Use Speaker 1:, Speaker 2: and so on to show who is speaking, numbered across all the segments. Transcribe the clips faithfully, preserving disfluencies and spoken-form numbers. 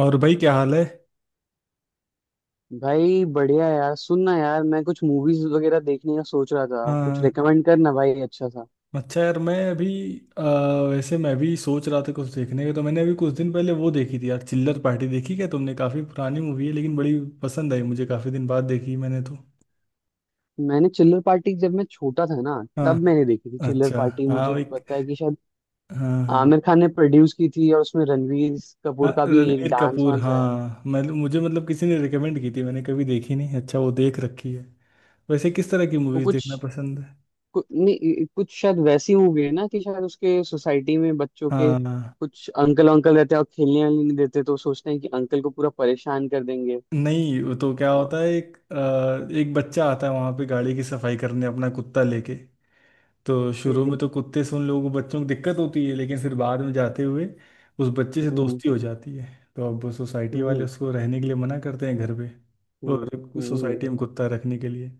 Speaker 1: और भाई क्या हाल है।
Speaker 2: भाई बढ़िया यार। सुनना यार, मैं कुछ मूवीज वगैरह देखने का सोच रहा था। कुछ
Speaker 1: हाँ।
Speaker 2: रिकमेंड करना भाई अच्छा सा।
Speaker 1: अच्छा यार मैं अभी अ, वैसे मैं भी सोच रहा था कुछ देखने का। तो मैंने अभी कुछ दिन पहले वो देखी थी यार, चिल्लर पार्टी देखी क्या तुमने? काफी पुरानी मूवी है लेकिन बड़ी पसंद आई मुझे, काफी दिन बाद देखी मैंने तो।
Speaker 2: मैंने चिल्लर पार्टी जब मैं छोटा था ना
Speaker 1: हाँ।
Speaker 2: तब मैंने देखी थी। चिल्लर
Speaker 1: अच्छा।
Speaker 2: पार्टी
Speaker 1: हाँ
Speaker 2: मुझे
Speaker 1: भाई।
Speaker 2: पता है कि शायद
Speaker 1: हाँ हाँ।
Speaker 2: आमिर खान ने प्रोड्यूस की थी और उसमें रणवीर
Speaker 1: हाँ,
Speaker 2: कपूर का भी एक
Speaker 1: रणवीर
Speaker 2: डांस
Speaker 1: कपूर।
Speaker 2: वांस है।
Speaker 1: हाँ मैं, मुझे मतलब किसी ने रिकमेंड की थी, मैंने कभी देखी नहीं। अच्छा, वो देख रखी है। वैसे किस तरह की
Speaker 2: वो
Speaker 1: मूवीज
Speaker 2: कुछ
Speaker 1: देखना पसंद है?
Speaker 2: कु, नहीं, कुछ शायद वैसी मूवी है ना कि शायद उसके सोसाइटी में बच्चों के
Speaker 1: हाँ।
Speaker 2: कुछ अंकल अंकल रहते हैं और खेलने वेलने नहीं देते, तो सोचते हैं कि अंकल को पूरा परेशान कर देंगे।
Speaker 1: नहीं, वो तो क्या
Speaker 2: और
Speaker 1: होता है, एक अ, एक बच्चा आता है वहां पे गाड़ी की सफाई करने अपना कुत्ता लेके। तो शुरू
Speaker 2: ठीक
Speaker 1: में
Speaker 2: है।
Speaker 1: तो कुत्ते से उन लोगों को, बच्चों को दिक्कत होती है, लेकिन फिर बाद में जाते हुए उस बच्चे से
Speaker 2: हम्म।
Speaker 1: दोस्ती हो जाती है। तो अब सोसाइटी वाले
Speaker 2: हम्म।
Speaker 1: उसको रहने के लिए मना करते हैं घर पे
Speaker 2: हम्म।
Speaker 1: और
Speaker 2: हम्म। हम्म।
Speaker 1: सोसाइटी में कुत्ता रखने के लिए।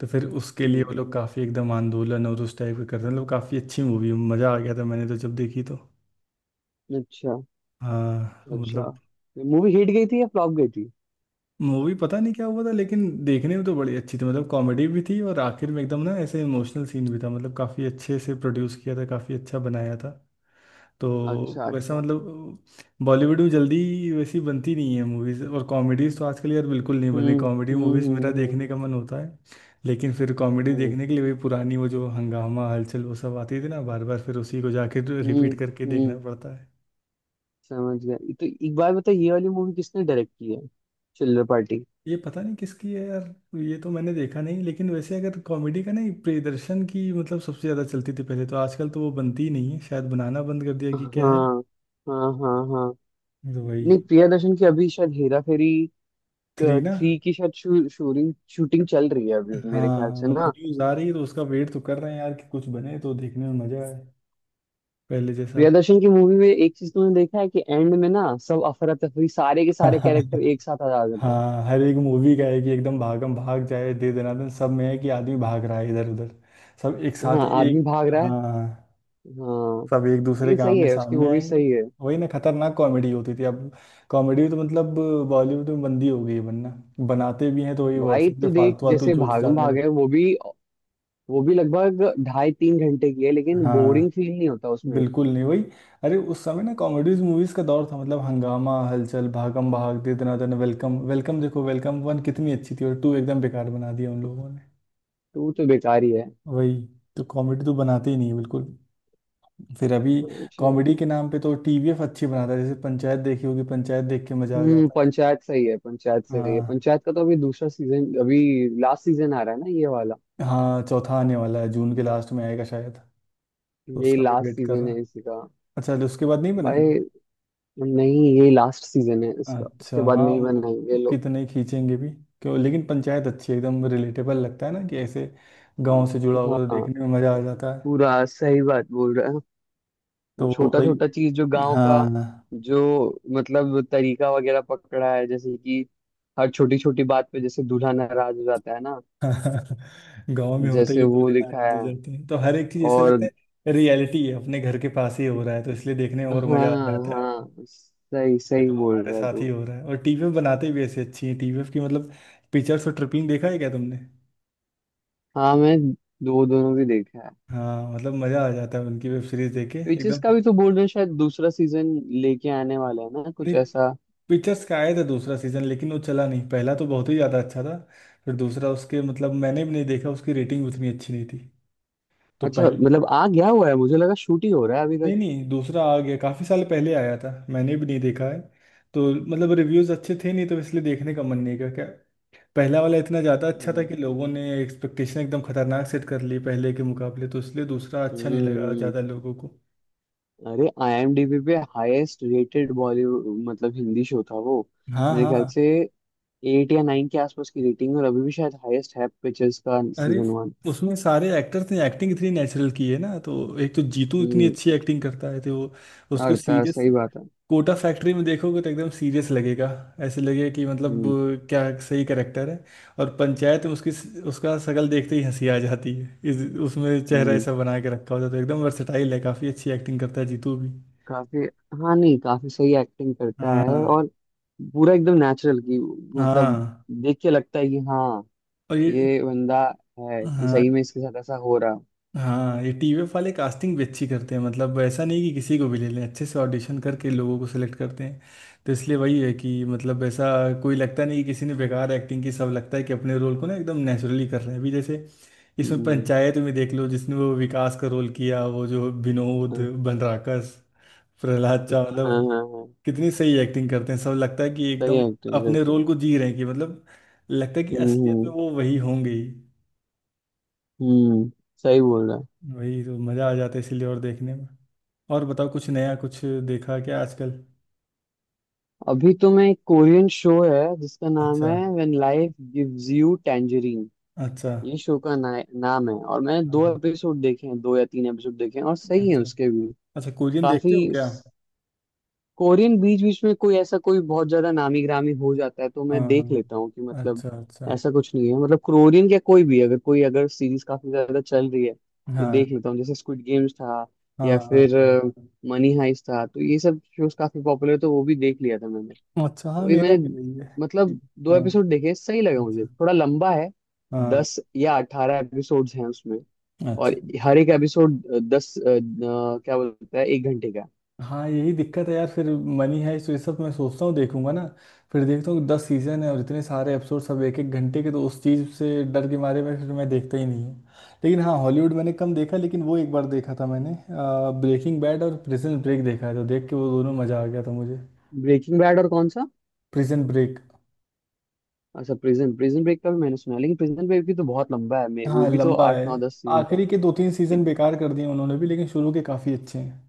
Speaker 1: तो फिर उसके लिए
Speaker 2: हम्म।
Speaker 1: वो लोग काफ़ी एकदम आंदोलन और उस टाइप के करते हैं। मतलब काफ़ी अच्छी मूवी, मज़ा आ गया था मैंने तो जब देखी तो।
Speaker 2: अच्छा
Speaker 1: हाँ, तो
Speaker 2: अच्छा।
Speaker 1: मतलब।
Speaker 2: मूवी हिट गई थी या फ्लॉप गई थी?
Speaker 1: मूवी पता नहीं क्या हुआ था, लेकिन देखने में तो बड़ी अच्छी थी। मतलब कॉमेडी भी थी और आखिर में एकदम ना ऐसे इमोशनल सीन भी था। मतलब काफ़ी अच्छे से प्रोड्यूस किया था, काफ़ी अच्छा बनाया था। तो
Speaker 2: अच्छा
Speaker 1: वैसा
Speaker 2: अच्छा।
Speaker 1: मतलब बॉलीवुड में जल्दी वैसी बनती नहीं है मूवीज़। और कॉमेडीज़ तो आजकल यार बिल्कुल नहीं बन रही।
Speaker 2: हम्म।
Speaker 1: कॉमेडी
Speaker 2: हम्म।
Speaker 1: मूवीज़ मेरा
Speaker 2: हम्म।
Speaker 1: देखने का मन होता है लेकिन फिर कॉमेडी
Speaker 2: हम्म।
Speaker 1: देखने के लिए वही पुरानी, वो जो हंगामा, हलचल, वो सब आती थी ना, बार बार फिर उसी को जाके
Speaker 2: हम्म।
Speaker 1: रिपीट करके देखना
Speaker 2: हम्म,
Speaker 1: पड़ता है।
Speaker 2: समझ गया। तो एक बार बताओ ये वाली मूवी किसने डायरेक्ट की है? चिल्लर पार्टी।
Speaker 1: ये पता नहीं किसकी है यार, ये तो मैंने देखा नहीं। लेकिन वैसे अगर कॉमेडी का नहीं, प्रियदर्शन की मतलब सबसे ज़्यादा चलती थी पहले, तो आजकल तो वो बनती ही नहीं है। शायद बनाना बंद कर दिया कि क्या है।
Speaker 2: हाँ हाँ हाँ। हाँ,
Speaker 1: तो वही।
Speaker 2: नहीं, प्रिया दर्शन की अभी शायद हेरा फेरी
Speaker 1: थ्री ना।
Speaker 2: थ्री की शायद शू, शूटिंग शूटिंग चल रही है अभी मेरे
Speaker 1: हाँ
Speaker 2: ख्याल से ना।
Speaker 1: मतलब न्यूज़ आ रही है तो उसका वेट तो कर रहे हैं यार कि कुछ बने तो देखने में मज़ा आए, पहले जैसा।
Speaker 2: प्रिया दर्शन की मूवी में एक चीज तुमने देखा है कि एंड में ना सब अफरा तफरी सारे के सारे कैरेक्टर एक साथ आ जाते हैं।
Speaker 1: हाँ, हर एक मूवी का है कि एकदम भागम भाग जाए, दे दनादन, सब में है कि आदमी भाग रहा है इधर उधर, सब एक साथ
Speaker 2: हाँ, आदमी
Speaker 1: एक।
Speaker 2: भाग रहा है।
Speaker 1: हाँ,
Speaker 2: हाँ।
Speaker 1: सब एक दूसरे
Speaker 2: लेकिन
Speaker 1: के
Speaker 2: सही
Speaker 1: आमने
Speaker 2: है, उसकी
Speaker 1: सामने
Speaker 2: वो भी
Speaker 1: आएंगे।
Speaker 2: सही है।
Speaker 1: वही ना, खतरनाक कॉमेडी होती थी। अब कॉमेडी तो मतलब बॉलीवुड में बंदी हो गई है बनना। बनाते भी हैं तो वही
Speaker 2: भाई
Speaker 1: व्हाट्सएप पे
Speaker 2: तू देख,
Speaker 1: फालतू फालतू
Speaker 2: जैसे
Speaker 1: जोक्स
Speaker 2: भागम
Speaker 1: डालने
Speaker 2: भाग है,
Speaker 1: लगते
Speaker 2: वो भी वो भी लगभग ढाई तीन घंटे की है
Speaker 1: हैं।
Speaker 2: लेकिन
Speaker 1: हाँ,
Speaker 2: बोरिंग फील नहीं होता उसमें।
Speaker 1: बिल्कुल नहीं। वही, अरे उस समय ना कॉमेडीज मूवीज का दौर था। मतलब हंगामा, हलचल, भागम भाग, दे दना दन, वेलकम, वेलकम देखो, वेलकम वन कितनी अच्छी थी और टू एकदम बेकार बना दिया उन लोगों ने।
Speaker 2: टू तो बेकार ही है।
Speaker 1: वही, तो कॉमेडी तो बनाते ही नहीं है बिल्कुल। फिर अभी
Speaker 2: अच्छा।
Speaker 1: कॉमेडी के नाम पे तो टीवीएफ अच्छी बनाता है। जैसे पंचायत देखी होगी, पंचायत देख के मजा आ
Speaker 2: हम्म।
Speaker 1: जाता है।
Speaker 2: पंचायत सही है। पंचायत सही है।
Speaker 1: हाँ।
Speaker 2: पंचायत का तो अभी दूसरा सीजन, अभी लास्ट सीजन आ रहा है ना ये वाला।
Speaker 1: हाँ, चौथा आने वाला है, जून के लास्ट में आएगा शायद। तो
Speaker 2: ये
Speaker 1: उसका भी
Speaker 2: लास्ट
Speaker 1: वेट कर
Speaker 2: सीजन है
Speaker 1: रहा।
Speaker 2: इसी का।
Speaker 1: अच्छा, तो उसके बाद नहीं बनाएंगे।
Speaker 2: भाई नहीं, ये लास्ट सीजन है इसका,
Speaker 1: अच्छा,
Speaker 2: इसके बाद
Speaker 1: हाँ
Speaker 2: नहीं
Speaker 1: मतलब
Speaker 2: बनाएंगे लोग।
Speaker 1: कितने खींचेंगे भी। क्यों, लेकिन पंचायत अच्छी है, एकदम रिलेटेबल लगता है ना कि ऐसे गांव से जुड़ा हुआ, तो
Speaker 2: हाँ।
Speaker 1: देखने में मज़ा आ जाता है।
Speaker 2: पूरा सही बात बोल रहा है।
Speaker 1: तो
Speaker 2: वो
Speaker 1: वो
Speaker 2: छोटा
Speaker 1: भाई।
Speaker 2: छोटा चीज जो गांव का,
Speaker 1: हाँ।
Speaker 2: जो मतलब तरीका वगैरह पकड़ा है, जैसे कि हर छोटी छोटी बात पे जैसे दूल्हा नाराज हो जाता है ना,
Speaker 1: गांव में होता ही
Speaker 2: जैसे
Speaker 1: है, दो
Speaker 2: वो
Speaker 1: दिन
Speaker 2: लिखा
Speaker 1: नाराज हो
Speaker 2: है।
Speaker 1: जाते हैं, तो हर एक चीज़ ऐसे लगता
Speaker 2: और
Speaker 1: है रियलिटी है, अपने घर के पास ही हो रहा है, तो इसलिए देखने में और मज़ा आ
Speaker 2: हाँ
Speaker 1: जाता है।
Speaker 2: हाँ, सही
Speaker 1: ये
Speaker 2: सही
Speaker 1: तो
Speaker 2: बोल
Speaker 1: हमारे
Speaker 2: रहा है
Speaker 1: साथ
Speaker 2: तू।
Speaker 1: ही हो रहा है। और टीवीएफ बनाते भी ऐसी अच्छी है, टीवीएफ की मतलब पिक्चर्स और ट्रिपिंग देखा है क्या तुमने?
Speaker 2: हाँ मैं दो दोनों भी देखा है।
Speaker 1: हाँ मतलब मजा आ जाता है उनकी वेब सीरीज देख के
Speaker 2: विचेस
Speaker 1: एकदम।
Speaker 2: का भी तो बोल रहे हैं शायद दूसरा सीजन लेके आने वाला है ना, कुछ
Speaker 1: नहीं,
Speaker 2: ऐसा।
Speaker 1: पिक्चर्स का आया था दूसरा सीजन, लेकिन वो चला नहीं। पहला तो बहुत ही ज़्यादा अच्छा था, फिर दूसरा उसके मतलब मैंने भी नहीं देखा, उसकी रेटिंग उतनी अच्छी नहीं थी। तो
Speaker 2: अच्छा,
Speaker 1: पहल।
Speaker 2: मतलब आ गया हुआ है? मुझे लगा शूट ही हो रहा है अभी तक।
Speaker 1: नहीं नहीं, दूसरा आ गया काफ़ी साल पहले, आया था, मैंने भी नहीं देखा है। तो मतलब रिव्यूज़ अच्छे थे नहीं, तो इसलिए देखने का मन नहीं किया क्या। पहला वाला इतना ज़्यादा अच्छा था
Speaker 2: हम्म।
Speaker 1: कि लोगों ने एक्सपेक्टेशन एकदम खतरनाक सेट कर ली पहले के मुकाबले, तो इसलिए दूसरा अच्छा नहीं
Speaker 2: हम्म।
Speaker 1: लगा
Speaker 2: हम्म।
Speaker 1: ज़्यादा लोगों को।
Speaker 2: अरे, आई एम डी बी पे हाईएस्ट रेटेड बॉलीवुड मतलब हिंदी शो था वो
Speaker 1: हाँ
Speaker 2: मेरे ख्याल
Speaker 1: हाँ।
Speaker 2: से। एट या नाइन के आसपास की रेटिंग, और अभी भी शायद हाईएस्ट है पिक्चर्स का
Speaker 1: अरे,
Speaker 2: सीजन वन।
Speaker 1: उसमें सारे एक्टर्स ने एक्टिंग इतनी नेचुरल की है ना, तो एक तो जीतू इतनी
Speaker 2: हम्म।
Speaker 1: अच्छी एक्टिंग करता है, तो वो उसको
Speaker 2: अड़ता
Speaker 1: सीरियस
Speaker 2: सही बात है।
Speaker 1: कोटा फैक्ट्री में देखोगे तो एकदम सीरियस लगेगा। ऐसे लगेगा कि मतलब
Speaker 2: हम्म।
Speaker 1: अ, क्या सही करेक्टर है। और पंचायत में उसकी, उसका शक्ल देखते ही हंसी आ जाती है इस। उसमें चेहरा
Speaker 2: हम्म।
Speaker 1: ऐसा बना के रखा होता है, तो एकदम वर्सेटाइल है, काफ़ी अच्छी एक्टिंग करता है जीतू भी।
Speaker 2: काफी। हाँ, नहीं, काफी सही एक्टिंग करता है।
Speaker 1: हाँ।
Speaker 2: और पूरा एकदम नेचुरल की, मतलब
Speaker 1: हाँ,
Speaker 2: देख के लगता है कि हाँ,
Speaker 1: और ये।
Speaker 2: ये बंदा है कि
Speaker 1: हाँ
Speaker 2: सही में इसके साथ ऐसा हो रहा।
Speaker 1: हाँ, ये टीवीएफ वाले कास्टिंग भी अच्छी करते हैं। मतलब ऐसा नहीं कि किसी को भी ले लें, अच्छे से ऑडिशन करके लोगों को सिलेक्ट करते हैं, तो इसलिए वही है कि मतलब ऐसा कोई लगता नहीं कि किसी ने बेकार एक्टिंग की। सब लगता है कि अपने रोल को ना एकदम नेचुरली कर रहे हैं। अभी जैसे इसमें
Speaker 2: हम्म।
Speaker 1: पंचायत में देख लो, जिसने वो विकास का रोल किया, वो जो विनोद,
Speaker 2: हाँ
Speaker 1: बनराकस, प्रहलाद चा,
Speaker 2: हाँ हाँ।
Speaker 1: मतलब
Speaker 2: हाँ,
Speaker 1: कितनी सही एक्टिंग करते हैं। सब लगता है कि
Speaker 2: सही
Speaker 1: एकदम
Speaker 2: एक्टिंग
Speaker 1: अपने
Speaker 2: करते हैं।
Speaker 1: रोल को जी रहे हैं, कि मतलब लगता है कि
Speaker 2: हम्म
Speaker 1: असलियत में
Speaker 2: हम्म।
Speaker 1: वो वही होंगे ही।
Speaker 2: हम्म। सही बोल रहा है।
Speaker 1: वही तो मज़ा आ जाता है इसीलिए और देखने में। और बताओ, कुछ नया कुछ देखा क्या आजकल?
Speaker 2: अभी तो मैं एक कोरियन शो है जिसका नाम
Speaker 1: अच्छा।
Speaker 2: है when life gives you tangerine.
Speaker 1: अच्छा।
Speaker 2: ये शो का ना, नाम है, और मैंने
Speaker 1: हाँ
Speaker 2: दो
Speaker 1: हाँ।
Speaker 2: एपिसोड देखे हैं, दो या तीन एपिसोड देखे हैं और सही है
Speaker 1: अच्छा,
Speaker 2: उसके भी।
Speaker 1: अच्छा कोरियन देखते
Speaker 2: काफी।
Speaker 1: हो क्या?
Speaker 2: कोरियन बीच बीच में कोई ऐसा कोई बहुत ज्यादा नामी गिरामी हो जाता है तो
Speaker 1: हाँ
Speaker 2: मैं देख
Speaker 1: हाँ।
Speaker 2: लेता हूँ कि मतलब,
Speaker 1: अच्छा अच्छा।
Speaker 2: ऐसा कुछ नहीं है। मतलब कोरियन क्या, कोई भी अगर कोई अगर सीरीज काफी ज्यादा चल रही है तो
Speaker 1: हाँ
Speaker 2: देख लेता हूँ, जैसे स्क्विड गेम्स था
Speaker 1: हाँ।
Speaker 2: या
Speaker 1: हाँ।
Speaker 2: फिर मनी हाइस्ट था। तो ये सब शोज काफी पॉपुलर, तो वो भी देख लिया था मैंने।
Speaker 1: हाँ। अच्छा, हाँ
Speaker 2: वही
Speaker 1: मेरा
Speaker 2: मैंने,
Speaker 1: भी वही है।
Speaker 2: मतलब, दो
Speaker 1: हाँ।
Speaker 2: एपिसोड देखे, सही लगा, मुझे
Speaker 1: अच्छा।
Speaker 2: थोड़ा लंबा है।
Speaker 1: हाँ।
Speaker 2: दस या अठारह एपिसोड्स हैं उसमें, और
Speaker 1: अच्छा।
Speaker 2: हर एक एपिसोड दस अ, अ, क्या बोलता है, एक घंटे का।
Speaker 1: हाँ, यही दिक्कत है यार। फिर मनी है तो ये सब मैं सोचता हूँ देखूंगा ना, फिर देखता हूँ दस सीजन है और इतने सारे एपिसोड सब एक एक घंटे के, तो उस चीज़ से डर के मारे में फिर मैं देखता ही नहीं हूँ। लेकिन हाँ, हॉलीवुड मैंने कम देखा, लेकिन वो एक बार देखा था मैंने ब्रेकिंग बैड और प्रिजन ब्रेक देखा है, तो देख के वो दोनों मज़ा आ गया था मुझे।
Speaker 2: ब्रेकिंग बैड और कौन सा?
Speaker 1: Prison break.
Speaker 2: अच्छा, प्रिजन प्रिजन ब्रेक का भी मैंने सुना है, लेकिन प्रिजन ब्रेक भी तो बहुत लंबा है मैं, वो
Speaker 1: हाँ,
Speaker 2: भी तो
Speaker 1: लंबा
Speaker 2: आठ
Speaker 1: है।
Speaker 2: नौ दस सीजन का।
Speaker 1: आखिरी के दो तीन
Speaker 2: कि,
Speaker 1: सीजन बेकार कर दिए उन्होंने भी, लेकिन शुरू के काफ़ी अच्छे हैं।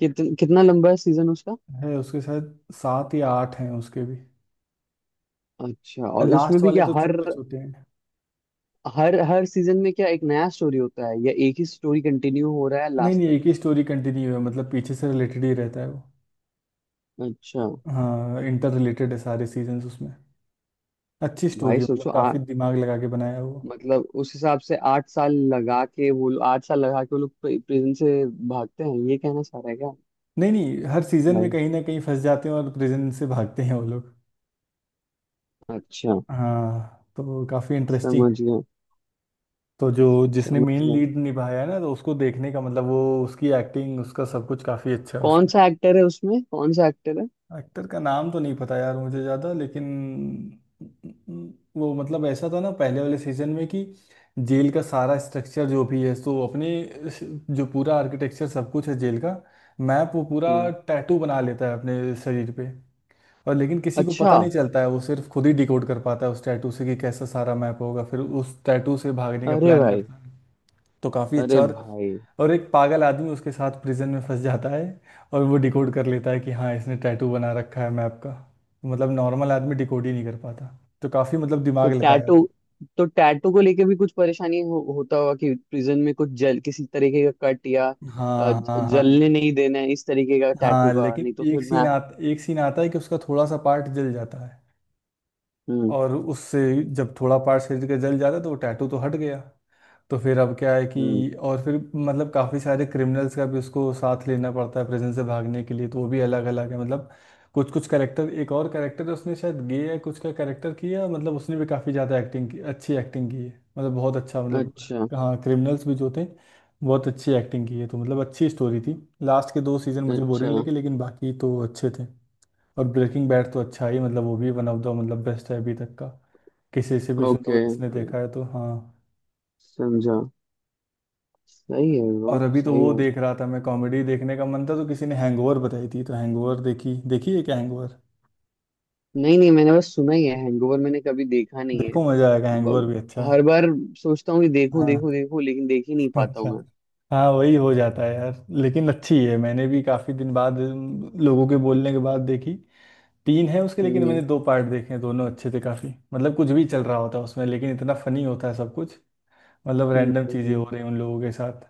Speaker 2: कित, कितना लंबा है सीजन उसका?
Speaker 1: है उसके साथ सात या आठ हैं उसके भी।
Speaker 2: अच्छा, और उसमें
Speaker 1: लास्ट
Speaker 2: भी
Speaker 1: वाले
Speaker 2: क्या,
Speaker 1: तो
Speaker 2: हर
Speaker 1: छोटे छोटे हैं।
Speaker 2: हर हर सीजन में क्या एक नया स्टोरी होता है या एक ही स्टोरी कंटिन्यू हो रहा है
Speaker 1: नहीं
Speaker 2: लास्ट
Speaker 1: नहीं,
Speaker 2: तक?
Speaker 1: एक ही स्टोरी कंटिन्यू है, मतलब पीछे से रिलेटेड ही रहता है वो।
Speaker 2: अच्छा।
Speaker 1: हाँ, इंटर रिलेटेड है सारे सीजन्स उसमें। अच्छी स्टोरी
Speaker 2: भाई
Speaker 1: है, मतलब
Speaker 2: सोचो,
Speaker 1: काफी दिमाग लगा के बनाया है वो।
Speaker 2: मतलब उस हिसाब से आठ साल लगा के वो लोग आठ साल लगा के वो लोग प्रिजन से भागते हैं, ये कहना चाह रहा है क्या?
Speaker 1: नहीं नहीं, हर सीजन में
Speaker 2: भाई।
Speaker 1: कहीं ना कहीं फंस जाते हैं और प्रिजन से भागते हैं वो लोग।
Speaker 2: अच्छा।
Speaker 1: हाँ, तो काफी इंटरेस्टिंग है।
Speaker 2: समझ गया।
Speaker 1: तो जो जिसने
Speaker 2: समझ
Speaker 1: मेन
Speaker 2: गया।
Speaker 1: लीड निभाया है ना, तो उसको देखने का मतलब वो, उसकी एक्टिंग, उसका सब कुछ काफी अच्छा है
Speaker 2: कौन
Speaker 1: उसमें।
Speaker 2: सा एक्टर है उसमें, कौन सा एक्टर है?
Speaker 1: एक्टर का नाम तो नहीं पता यार मुझे ज़्यादा, लेकिन वो मतलब ऐसा था ना पहले वाले सीजन में कि जेल का सारा स्ट्रक्चर जो भी है, सो अपने स- जो पूरा आर्किटेक्चर सब कुछ है जेल का, मैप, वो पूरा
Speaker 2: हम्म।
Speaker 1: टैटू बना लेता है अपने शरीर पे और, लेकिन किसी को
Speaker 2: अच्छा।
Speaker 1: पता नहीं चलता है। वो सिर्फ खुद ही डिकोड कर पाता है उस टैटू से कि कैसा सारा मैप होगा, फिर उस टैटू से भागने का
Speaker 2: अरे
Speaker 1: प्लान
Speaker 2: भाई।
Speaker 1: करता है। तो काफ़ी अच्छा
Speaker 2: अरे
Speaker 1: और।
Speaker 2: भाई।
Speaker 1: और एक पागल आदमी उसके साथ प्रिजन में फंस जाता है और वो डिकोड कर लेता है कि हाँ, इसने टैटू बना रखा है मैप का। मतलब नॉर्मल आदमी डिकोड ही नहीं कर पाता, तो काफी मतलब
Speaker 2: तो
Speaker 1: दिमाग लगाया
Speaker 2: टैटू,
Speaker 1: हुआ।
Speaker 2: तो टैटू को लेके भी कुछ परेशानी हो, होता होगा कि प्रिजन में कुछ जल किसी तरीके का कट या अ,
Speaker 1: हाँ हाँ
Speaker 2: ज-
Speaker 1: हाँ।
Speaker 2: जलने नहीं देना है इस तरीके का टैटू
Speaker 1: हाँ
Speaker 2: का,
Speaker 1: लेकिन
Speaker 2: नहीं तो फिर
Speaker 1: एक
Speaker 2: मैं।
Speaker 1: सीन आ एक सीन आता है कि उसका थोड़ा सा पार्ट जल जाता है
Speaker 2: हम्म।
Speaker 1: और उससे, जब थोड़ा पार्ट शरीर का जल जाता है तो वो टैटू तो हट गया, तो फिर अब क्या है
Speaker 2: हम्म।
Speaker 1: कि। और फिर मतलब काफ़ी सारे क्रिमिनल्स का भी उसको साथ लेना पड़ता है प्रिजन से भागने के लिए, तो वो भी अलग अलग है। मतलब कुछ कुछ कैरेक्टर, एक और कैरेक्टर है उसने, शायद गे है कुछ का कैरेक्टर किया, मतलब उसने भी काफ़ी ज़्यादा एक्टिंग की, अच्छी एक्टिंग की है। मतलब बहुत अच्छा मतलब।
Speaker 2: अच्छा।
Speaker 1: हाँ, क्रिमिनल्स भी जो थे बहुत अच्छी एक्टिंग की है, तो मतलब अच्छी स्टोरी थी। लास्ट के दो सीज़न मुझे
Speaker 2: अच्छा।
Speaker 1: बोरिंग लगे, लेकिन बाकी तो अच्छे थे। और ब्रेकिंग बैड तो अच्छा ही मतलब, वो भी वन ऑफ द मतलब बेस्ट है अभी तक का। किसी से भी सुनो
Speaker 2: ओके,
Speaker 1: जिसने देखा है, तो हाँ।
Speaker 2: समझा। सही है ब्रो,
Speaker 1: और अभी तो
Speaker 2: सही
Speaker 1: वो
Speaker 2: है।
Speaker 1: देख रहा था मैं, कॉमेडी देखने का मन था, तो किसी ने हैंगओवर बताई थी, तो हैंगओवर देखी, देखी है क्या हैंगओवर?
Speaker 2: नहीं नहीं, मैंने बस सुना ही है, हैंगओवर मैंने कभी देखा नहीं है।
Speaker 1: देखो, मजा आएगा, हैंगओवर
Speaker 2: ब-
Speaker 1: भी अच्छा है।
Speaker 2: हर बार सोचता हूँ कि देखूं
Speaker 1: हाँ।
Speaker 2: देखूं देखूं, लेकिन देख ही नहीं पाता
Speaker 1: अच्छा।
Speaker 2: हूँ मैं।
Speaker 1: हाँ, वही हो जाता है यार। लेकिन अच्छी है, मैंने भी काफी दिन बाद अम, लोगों के बोलने के बाद देखी। तीन है उसके, लेकिन
Speaker 2: हम्म।
Speaker 1: मैंने दो पार्ट देखे हैं, दोनों अच्छे थे काफी। मतलब कुछ भी चल रहा होता है उसमें, लेकिन इतना फनी होता है सब कुछ। मतलब
Speaker 2: हम्म।
Speaker 1: रैंडम चीजें हो
Speaker 2: हम्म।
Speaker 1: रही हैं उन लोगों के साथ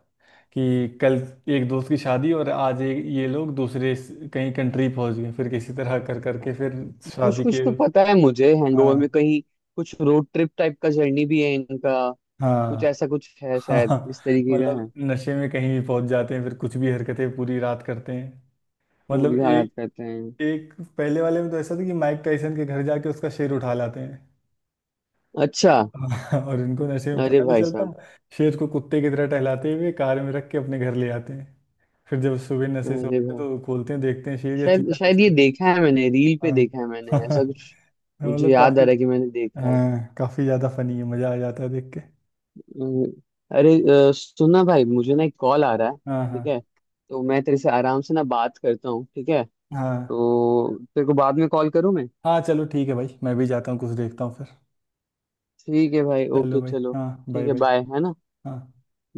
Speaker 1: कि कल एक दोस्त की शादी और आज ये ये लोग दूसरे स- कहीं कंट्री पहुंच गए, फिर किसी तरह कर करके फिर
Speaker 2: कुछ
Speaker 1: शादी
Speaker 2: कुछ
Speaker 1: के।
Speaker 2: तो पता है मुझे, हैंगओवर में
Speaker 1: हाँ
Speaker 2: कहीं कुछ रोड ट्रिप टाइप का जर्नी भी है इनका, कुछ
Speaker 1: हाँ।
Speaker 2: ऐसा कुछ है शायद
Speaker 1: हाँ,
Speaker 2: इस तरीके का है।
Speaker 1: मतलब नशे में कहीं भी पहुंच जाते हैं, फिर कुछ भी हरकतें पूरी रात करते हैं।
Speaker 2: भूल
Speaker 1: मतलब
Speaker 2: गया, याद
Speaker 1: एक
Speaker 2: करते हैं।
Speaker 1: एक पहले वाले में तो ऐसा था कि माइक टाइसन के घर जाके उसका सिर उठा लाते हैं।
Speaker 2: अच्छा।
Speaker 1: हाँ, और उनको नशे में
Speaker 2: अरे
Speaker 1: पता नहीं
Speaker 2: भाई
Speaker 1: चलता।
Speaker 2: साहब।
Speaker 1: शेर को कुत्ते की तरह टहलाते हुए कार में रख के अपने घर ले आते हैं। फिर जब सुबह नशे से
Speaker 2: अरे
Speaker 1: उठते हैं
Speaker 2: भाई।
Speaker 1: तो खोलते हैं, देखते हैं शेर या
Speaker 2: शायद
Speaker 1: चीता, कुछ
Speaker 2: शायद ये
Speaker 1: नहीं।
Speaker 2: देखा है मैंने, रील पे
Speaker 1: हाँ।
Speaker 2: देखा है मैंने ऐसा कुछ, मुझे
Speaker 1: मतलब
Speaker 2: याद आ
Speaker 1: काफी।
Speaker 2: रहा है कि मैंने देखा है।
Speaker 1: हाँ, काफी ज्यादा फनी है, मजा आ जाता है देख के।
Speaker 2: हम्म। अरे, अ, सुनना भाई, मुझे ना एक कॉल आ रहा है,
Speaker 1: हाँ हाँ।
Speaker 2: ठीक है? तो मैं तेरे से आराम से ना बात करता हूँ, ठीक है?
Speaker 1: हाँ।
Speaker 2: तो तेरे को बाद में कॉल करूँ मैं।
Speaker 1: हाँ, चलो ठीक है भाई, मैं भी जाता हूँ कुछ देखता हूँ फिर।
Speaker 2: ठीक है भाई,
Speaker 1: चलो
Speaker 2: ओके,
Speaker 1: भाई,
Speaker 2: चलो।
Speaker 1: हाँ
Speaker 2: ठीक
Speaker 1: बाय
Speaker 2: है,
Speaker 1: बाय।
Speaker 2: बाय, है ना।
Speaker 1: हाँ।